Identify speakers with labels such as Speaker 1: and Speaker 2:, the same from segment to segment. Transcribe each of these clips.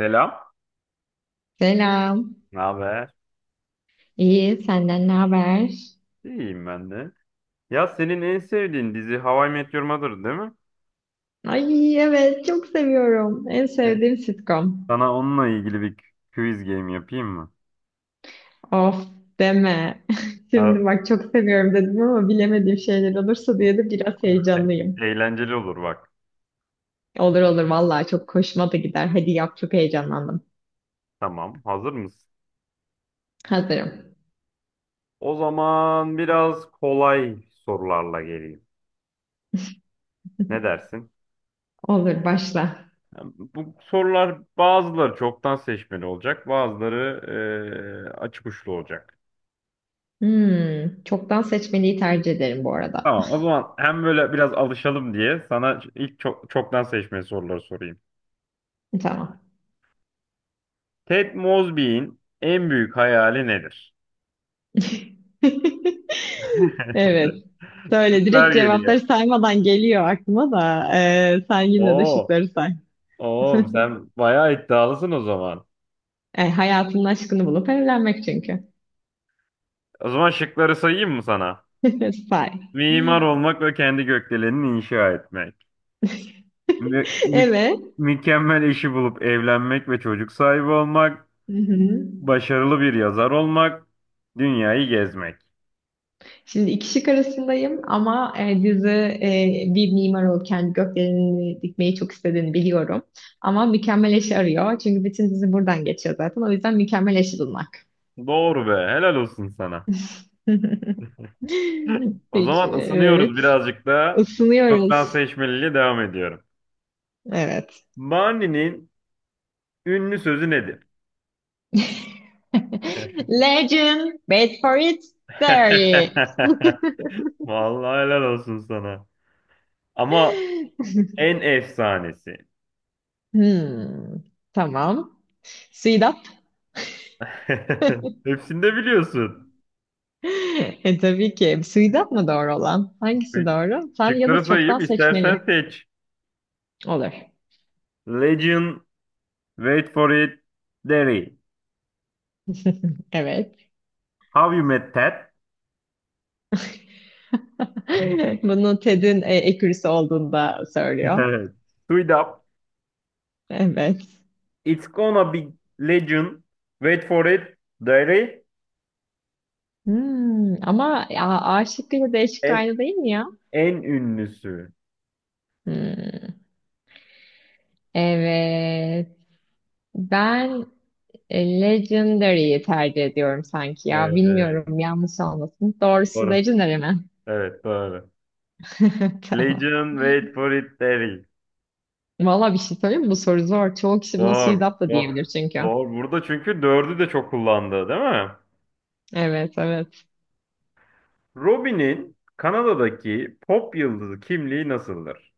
Speaker 1: Selam.
Speaker 2: Selam.
Speaker 1: Ne haber?
Speaker 2: İyi, senden ne haber?
Speaker 1: İyiyim ben de. Ya senin en sevdiğin dizi How I Met Your Mother değil mi?
Speaker 2: Ay evet, çok seviyorum. En sevdiğim sitcom.
Speaker 1: Sana onunla ilgili bir quiz game yapayım mı?
Speaker 2: Of deme. Şimdi
Speaker 1: Ha,
Speaker 2: bak çok seviyorum dedim ama bilemediğim şeyler olursa diye de biraz heyecanlıyım.
Speaker 1: eğlenceli olur bak.
Speaker 2: Olur olur vallahi çok hoşuma da gider. Hadi yap çok heyecanlandım.
Speaker 1: Tamam, hazır mısın?
Speaker 2: Hazırım.
Speaker 1: O zaman biraz kolay sorularla geleyim. Ne dersin?
Speaker 2: Olur başla.
Speaker 1: Bu sorular bazıları çoktan seçmeli olacak, bazıları açık uçlu olacak.
Speaker 2: Hmm, çoktan seçmeliyi tercih ederim bu arada.
Speaker 1: Tamam, o zaman hem böyle biraz alışalım diye sana ilk çoktan seçmeli soruları sorayım.
Speaker 2: Tamam.
Speaker 1: Ted Mosby'in en büyük hayali nedir?
Speaker 2: Evet. Söyle
Speaker 1: Şıklar
Speaker 2: direkt
Speaker 1: geliyor.
Speaker 2: cevapları saymadan geliyor aklıma da sen yine de
Speaker 1: Oo,
Speaker 2: şıkları say.
Speaker 1: oo, sen bayağı iddialısın o zaman.
Speaker 2: Hayatının aşkını bulup evlenmek çünkü.
Speaker 1: O zaman şıkları sayayım mı sana?
Speaker 2: Say.
Speaker 1: Mimar olmak ve kendi gökdelenini inşa etmek. Mü- mü-
Speaker 2: Evet.
Speaker 1: mükemmel eşi bulup evlenmek ve çocuk sahibi olmak.
Speaker 2: Hı hı.
Speaker 1: Başarılı bir yazar olmak. Dünyayı gezmek.
Speaker 2: Şimdi iki şık arasındayım ama dizi bir mimar olup kendi gökdeleni dikmeyi çok istediğini biliyorum. Ama mükemmel eşi arıyor. Çünkü bütün dizi buradan geçiyor zaten. O yüzden mükemmel eşi bulmak.
Speaker 1: Doğru be, helal olsun sana. O
Speaker 2: Peki,
Speaker 1: zaman
Speaker 2: evet.
Speaker 1: ısınıyoruz birazcık daha. Çoktan
Speaker 2: Isınıyoruz.
Speaker 1: seçmeliyle devam ediyorum.
Speaker 2: Evet.
Speaker 1: Barney'nin ünlü sözü nedir?
Speaker 2: Legend, wait for it, there it.
Speaker 1: Vallahi helal olsun sana. Ama en efsanesi.
Speaker 2: Hmm, tamam. Suidap.
Speaker 1: Hepsini de biliyorsun.
Speaker 2: Tabii ki. Suidap mı doğru olan? Hangisi doğru? Sen ya
Speaker 1: Şıkları
Speaker 2: da çoktan
Speaker 1: sayayım, istersen
Speaker 2: seçmeli.
Speaker 1: seç.
Speaker 2: Olur.
Speaker 1: Legend, wait for it, Derry.
Speaker 2: Evet.
Speaker 1: How you met Ted?
Speaker 2: Bunu Ted'in ekürüsü olduğunda söylüyor.
Speaker 1: Evet. Sweet up.
Speaker 2: Evet.
Speaker 1: It's gonna be legend. Wait for it, Derry.
Speaker 2: Hmm, ama ya, A şıkkıyla D şıkkı
Speaker 1: En,
Speaker 2: aynı değil mi ya?
Speaker 1: en ünlüsü.
Speaker 2: Hmm, evet. Ben Legendary'yi tercih ediyorum sanki ya.
Speaker 1: Evet, evet.
Speaker 2: Bilmiyorum yanlış olmasın. Doğrusu
Speaker 1: Doğru.
Speaker 2: Legendary mi?
Speaker 1: Evet, doğru.
Speaker 2: Tamam.
Speaker 1: Legion, wait for it, Derry.
Speaker 2: Valla bir şey söyleyeyim mi? Bu soru zor. Çoğu kişi buna
Speaker 1: Doğru.
Speaker 2: Suidat da
Speaker 1: Doğru.
Speaker 2: diyebilir çünkü.
Speaker 1: Doğru. Burada çünkü dördü de çok kullandı, değil mi?
Speaker 2: Evet evet.
Speaker 1: Robin'in Kanada'daki pop yıldızı kimliği nasıldır?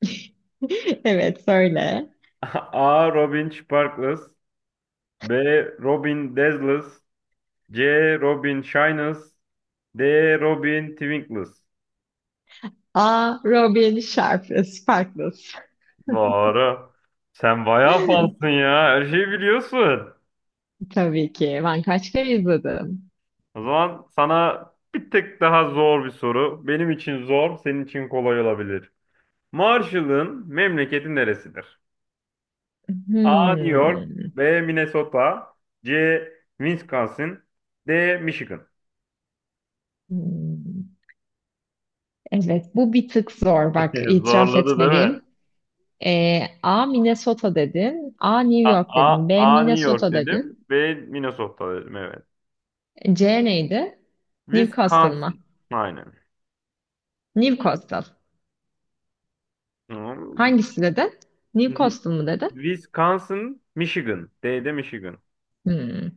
Speaker 2: Evet söyle.
Speaker 1: A. Robin Sparkles. B. Robin Dazzles. C. Robin Shines. D. Robin Twinkles.
Speaker 2: A. Robin Sharp. Sparkles.
Speaker 1: Doğru. Sen bayağı fansın ya. Her şeyi biliyorsun.
Speaker 2: Tabii ki. Ben kaç kere izledim.
Speaker 1: O zaman sana bir tek daha zor bir soru. Benim için zor, senin için kolay olabilir. Marshall'ın memleketi neresidir? A. New York.
Speaker 2: Hmm.
Speaker 1: B. Minnesota. C. Wisconsin. D. Michigan.
Speaker 2: Hmm. Evet bu bir tık zor. Bak itiraf
Speaker 1: Zorladı değil mi?
Speaker 2: etmeliyim. A. Minnesota dedin. A. New
Speaker 1: A,
Speaker 2: York dedin.
Speaker 1: A,
Speaker 2: B.
Speaker 1: A New York
Speaker 2: Minnesota dedin.
Speaker 1: dedim. B Minnesota dedim, evet.
Speaker 2: C neydi? Newcastle
Speaker 1: Wisconsin.
Speaker 2: mı?
Speaker 1: Aynen.
Speaker 2: Newcastle.
Speaker 1: Tamam.
Speaker 2: Hangisi dedin?
Speaker 1: Wi-
Speaker 2: Newcastle mı dedin?
Speaker 1: Wisconsin, Michigan. D'de Michigan.
Speaker 2: Hmm.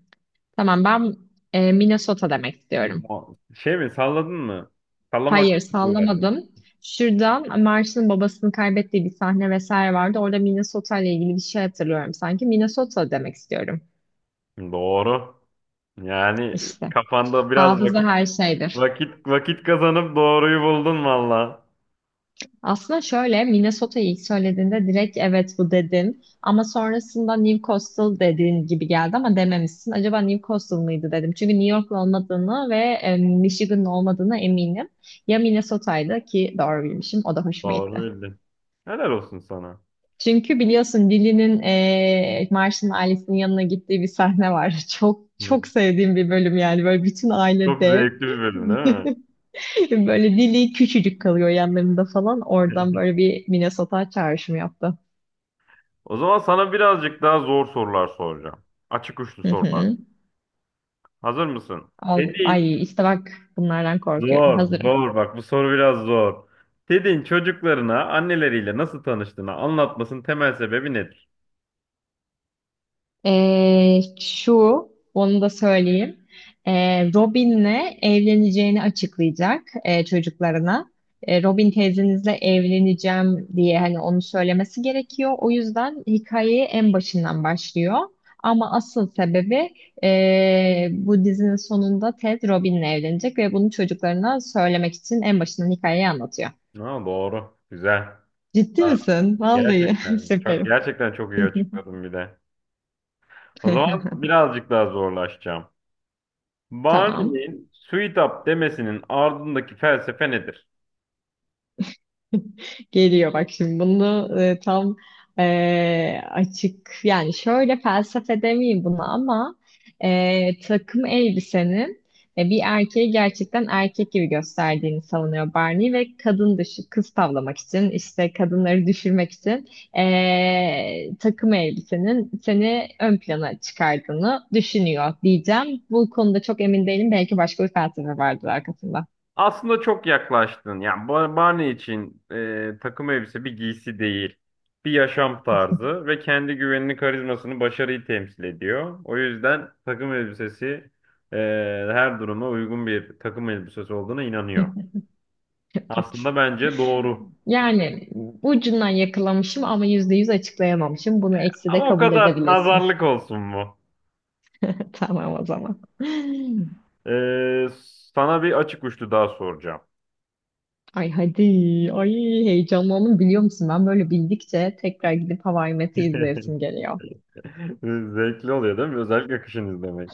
Speaker 2: Tamam ben Minnesota demek istiyorum.
Speaker 1: Şey mi salladın mı? Sallamak mı
Speaker 2: Hayır
Speaker 1: kullandın?
Speaker 2: sallamadım. Şuradan Marsh'ın babasını kaybettiği bir sahne vesaire vardı. Orada Minnesota ile ilgili bir şey hatırlıyorum sanki. Minnesota demek istiyorum.
Speaker 1: Doğru. Yani
Speaker 2: İşte.
Speaker 1: kafanda biraz
Speaker 2: Hafıza
Speaker 1: vakit
Speaker 2: her şeydir.
Speaker 1: vakit kazanıp doğruyu buldun valla.
Speaker 2: Aslında şöyle Minnesota'yı ilk söylediğinde direkt evet bu dedim, ama sonrasında New Coastal dediğin gibi geldi ama dememişsin. Acaba New Coastal mıydı dedim. Çünkü New York'lu olmadığını ve Michigan'lı olmadığına eminim. Ya Minnesota'ydı ki doğru bilmişim o da hoşuma
Speaker 1: Doğru
Speaker 2: gitti.
Speaker 1: bildin. Helal olsun sana.
Speaker 2: Çünkü biliyorsun Lily'nin Marsh'ın ailesinin yanına gittiği bir sahne var. Çok çok
Speaker 1: Hı.
Speaker 2: sevdiğim bir bölüm yani böyle bütün aile
Speaker 1: Çok
Speaker 2: dev.
Speaker 1: zevkli bir bölüm değil
Speaker 2: Böyle dili küçücük kalıyor yanlarında falan. Oradan
Speaker 1: mi?
Speaker 2: böyle bir Minnesota çağrışımı yaptı.
Speaker 1: O zaman sana birazcık daha zor sorular soracağım. Açık uçlu
Speaker 2: Hı
Speaker 1: sorular.
Speaker 2: hı.
Speaker 1: Hazır mısın?
Speaker 2: Al, ay işte bak bunlardan korkuyorum.
Speaker 1: Zor,
Speaker 2: Hazırım.
Speaker 1: zor. Bak bu soru biraz zor. Ted'in çocuklarına anneleriyle nasıl tanıştığını anlatmasının temel sebebi nedir?
Speaker 2: Ee, şu, Onu da söyleyeyim. Robin'le evleneceğini açıklayacak çocuklarına. Robin teyzenizle evleneceğim diye hani onu söylemesi gerekiyor. O yüzden hikayeyi en başından başlıyor. Ama asıl sebebi bu dizinin sonunda Ted Robin'le evlenecek ve bunu çocuklarına söylemek için en başından hikayeyi anlatıyor.
Speaker 1: Ha, doğru. Güzel.
Speaker 2: Ciddi
Speaker 1: Ha,
Speaker 2: misin? Vallahi
Speaker 1: gerçekten. Çok
Speaker 2: süperim.
Speaker 1: gerçekten çok iyi açıkladın bir de. O zaman birazcık daha zorlaşacağım.
Speaker 2: Tamam.
Speaker 1: Barney'nin Sweet Up demesinin ardındaki felsefe nedir?
Speaker 2: Geliyor bak şimdi bunu tam açık yani şöyle felsefe demeyeyim buna ama takım elbisenin bir erkeği gerçekten erkek gibi gösterdiğini savunuyor Barney ve kadın dışı kız tavlamak için işte kadınları düşürmek için takım elbisenin seni ön plana çıkardığını düşünüyor diyeceğim. Bu konuda çok emin değilim belki başka bir felsefe vardır arkasında.
Speaker 1: Aslında çok yaklaştın. Yani Barney için takım elbise bir giysi değil. Bir yaşam tarzı ve kendi güvenini, karizmasını, başarıyı temsil ediyor. O yüzden takım elbisesi e, her duruma uygun bir takım elbisesi olduğuna inanıyor.
Speaker 2: Evet.
Speaker 1: Aslında bence doğru.
Speaker 2: Yani ucundan yakalamışım ama yüzde yüz açıklayamamışım. Bunu eksi de
Speaker 1: Ama o
Speaker 2: kabul
Speaker 1: kadar
Speaker 2: edebilirsin.
Speaker 1: nazarlık olsun mu?
Speaker 2: Tamam o zaman.
Speaker 1: E, sana bir açık uçlu daha soracağım.
Speaker 2: Ay hadi. Ay heyecanlandım biliyor musun? Ben böyle bildikçe tekrar gidip Hava I Met'i izleyesim geliyor.
Speaker 1: Zevkli oluyor değil mi? Özellikle kışın izlemek.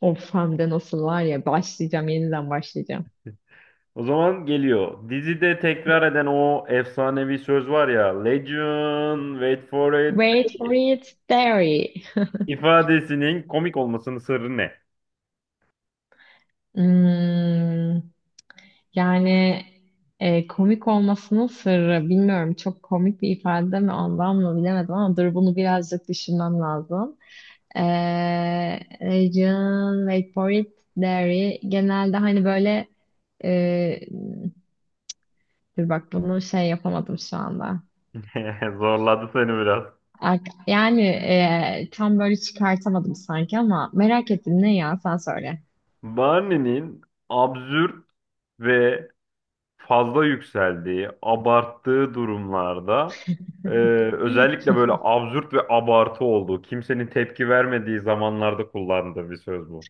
Speaker 2: Of hem de nasıl var ya başlayacağım yeniden başlayacağım.
Speaker 1: O zaman geliyor. Dizide tekrar eden o efsanevi söz var ya. Legend, wait for it
Speaker 2: Wait for it, there.
Speaker 1: ifadesinin komik olmasının sırrı ne?
Speaker 2: Hmm, yani komik olmasının sırrı bilmiyorum çok komik bir ifade mi ondan mı bilemedim ama dur bunu birazcık düşünmem lazım. Region, wait for it, dairy genelde hani böyle e, dur bak bunu şey yapamadım şu anda.
Speaker 1: Zorladı seni biraz.
Speaker 2: Ar- Yani tam böyle çıkartamadım sanki ama merak ettim ne ya sen söyle.
Speaker 1: Barney'nin absürt ve fazla yükseldiği, abarttığı durumlarda e, özellikle böyle absürt ve abartı olduğu, kimsenin tepki vermediği zamanlarda kullandığı bir söz bu.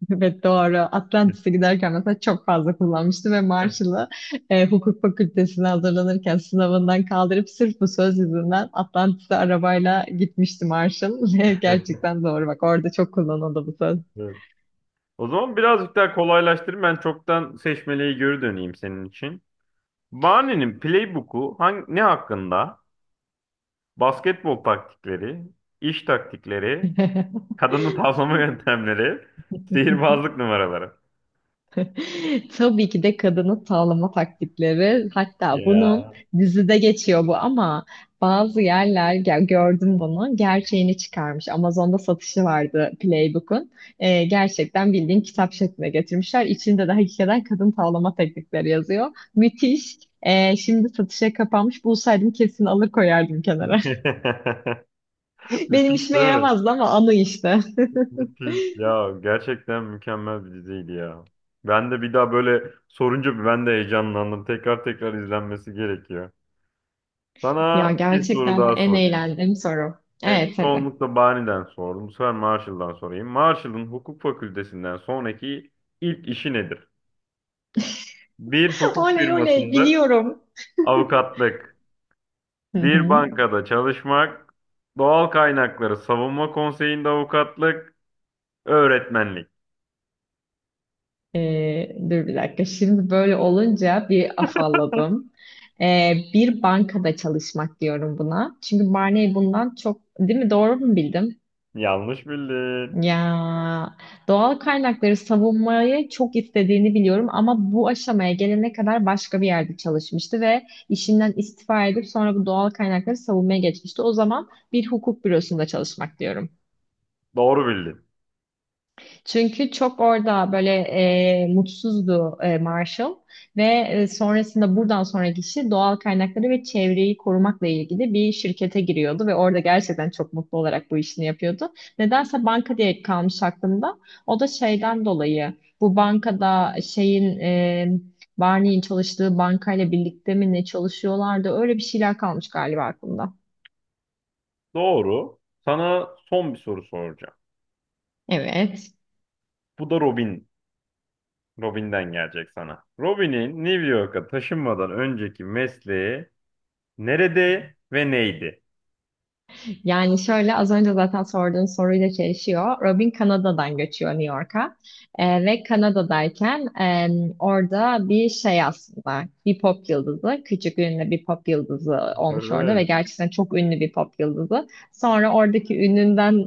Speaker 2: Evet doğru. Atlantis'e giderken mesela çok fazla kullanmıştım ve Marshall'ı hukuk fakültesine hazırlanırken sınavından kaldırıp sırf bu söz yüzünden Atlantis'e arabayla gitmişti Marshall. Ve gerçekten doğru bak orada çok kullanıldı bu söz.
Speaker 1: O zaman birazcık daha kolaylaştırayım. Ben çoktan seçmeliği geri döneyim senin için. Barney'nin playbook'u ne hakkında? Basketbol taktikleri, iş taktikleri, kadını tavlama yöntemleri, sihirbazlık numaraları.
Speaker 2: Tabii ki de kadını tavlama taktikleri. Hatta bunun
Speaker 1: Ya.
Speaker 2: dizide geçiyor bu ama bazı yerler gördüm bunu gerçeğini çıkarmış. Amazon'da satışı vardı Playbook'un. Gerçekten bildiğin kitap şekline getirmişler. İçinde de hakikaten kadın tavlama teknikleri yazıyor. Müthiş. Şimdi satışa kapanmış. Bulsaydım kesin alır koyardım kenara. Benim
Speaker 1: Müthiş
Speaker 2: işime
Speaker 1: değil mi?
Speaker 2: yaramazdı ama anı işte.
Speaker 1: Müthiş. Ya gerçekten mükemmel bir diziydi ya. Ben de bir daha böyle sorunca ben de heyecanlandım. Tekrar tekrar izlenmesi gerekiyor.
Speaker 2: Ya
Speaker 1: Sana bir soru
Speaker 2: gerçekten
Speaker 1: daha
Speaker 2: en
Speaker 1: sorayım.
Speaker 2: eğlendiğim soru.
Speaker 1: Hep
Speaker 2: Evet hadi.
Speaker 1: çoğunlukla Bani'den sordum. Bu sefer Marshall'dan sorayım. Marshall'ın hukuk fakültesinden sonraki ilk işi nedir? Bir hukuk
Speaker 2: Oley oley
Speaker 1: firmasında
Speaker 2: biliyorum.
Speaker 1: avukatlık,
Speaker 2: Hı
Speaker 1: bir
Speaker 2: hı.
Speaker 1: bankada çalışmak, doğal kaynakları savunma konseyinde avukatlık, öğretmenlik.
Speaker 2: Dur bir dakika. Şimdi böyle olunca bir afalladım. Bir bankada çalışmak diyorum buna. Çünkü Barney bundan çok, değil mi? Doğru mu bildim?
Speaker 1: Yanlış bildin.
Speaker 2: Ya doğal kaynakları savunmayı çok istediğini biliyorum ama bu aşamaya gelene kadar başka bir yerde çalışmıştı ve işinden istifa edip sonra bu doğal kaynakları savunmaya geçmişti. O zaman bir hukuk bürosunda çalışmak diyorum.
Speaker 1: Doğru bildin.
Speaker 2: Çünkü çok orada böyle mutsuzdu Marshall ve sonrasında buradan sonraki işi doğal kaynakları ve çevreyi korumakla ilgili bir şirkete giriyordu ve orada gerçekten çok mutlu olarak bu işini yapıyordu. Nedense banka diye kalmış aklımda. O da şeyden dolayı bu bankada şeyin Barney'in çalıştığı bankayla birlikte mi ne çalışıyorlardı öyle bir şeyler kalmış galiba aklımda.
Speaker 1: Doğru. Sana son bir soru soracağım.
Speaker 2: Evet.
Speaker 1: Bu da Robin. Robin'den gelecek sana. Robin'in New York'a taşınmadan önceki mesleği nerede ve neydi?
Speaker 2: Yani şöyle az önce zaten sorduğun soruyla çelişiyor. Robin Kanada'dan göçüyor New York'a. Ve Kanada'dayken orada bir şey aslında bir pop yıldızı. Küçük ünlü bir pop yıldızı olmuş orada ve
Speaker 1: Evet.
Speaker 2: gerçekten çok ünlü bir pop yıldızı. Sonra oradaki ününden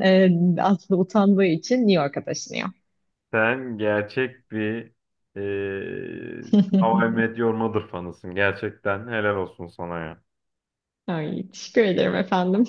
Speaker 2: aslında utandığı için New York'a taşınıyor.
Speaker 1: Sen gerçek bir e, How I Met Your Mother fanısın. Gerçekten helal olsun sana ya.
Speaker 2: Ay, teşekkür ederim efendim.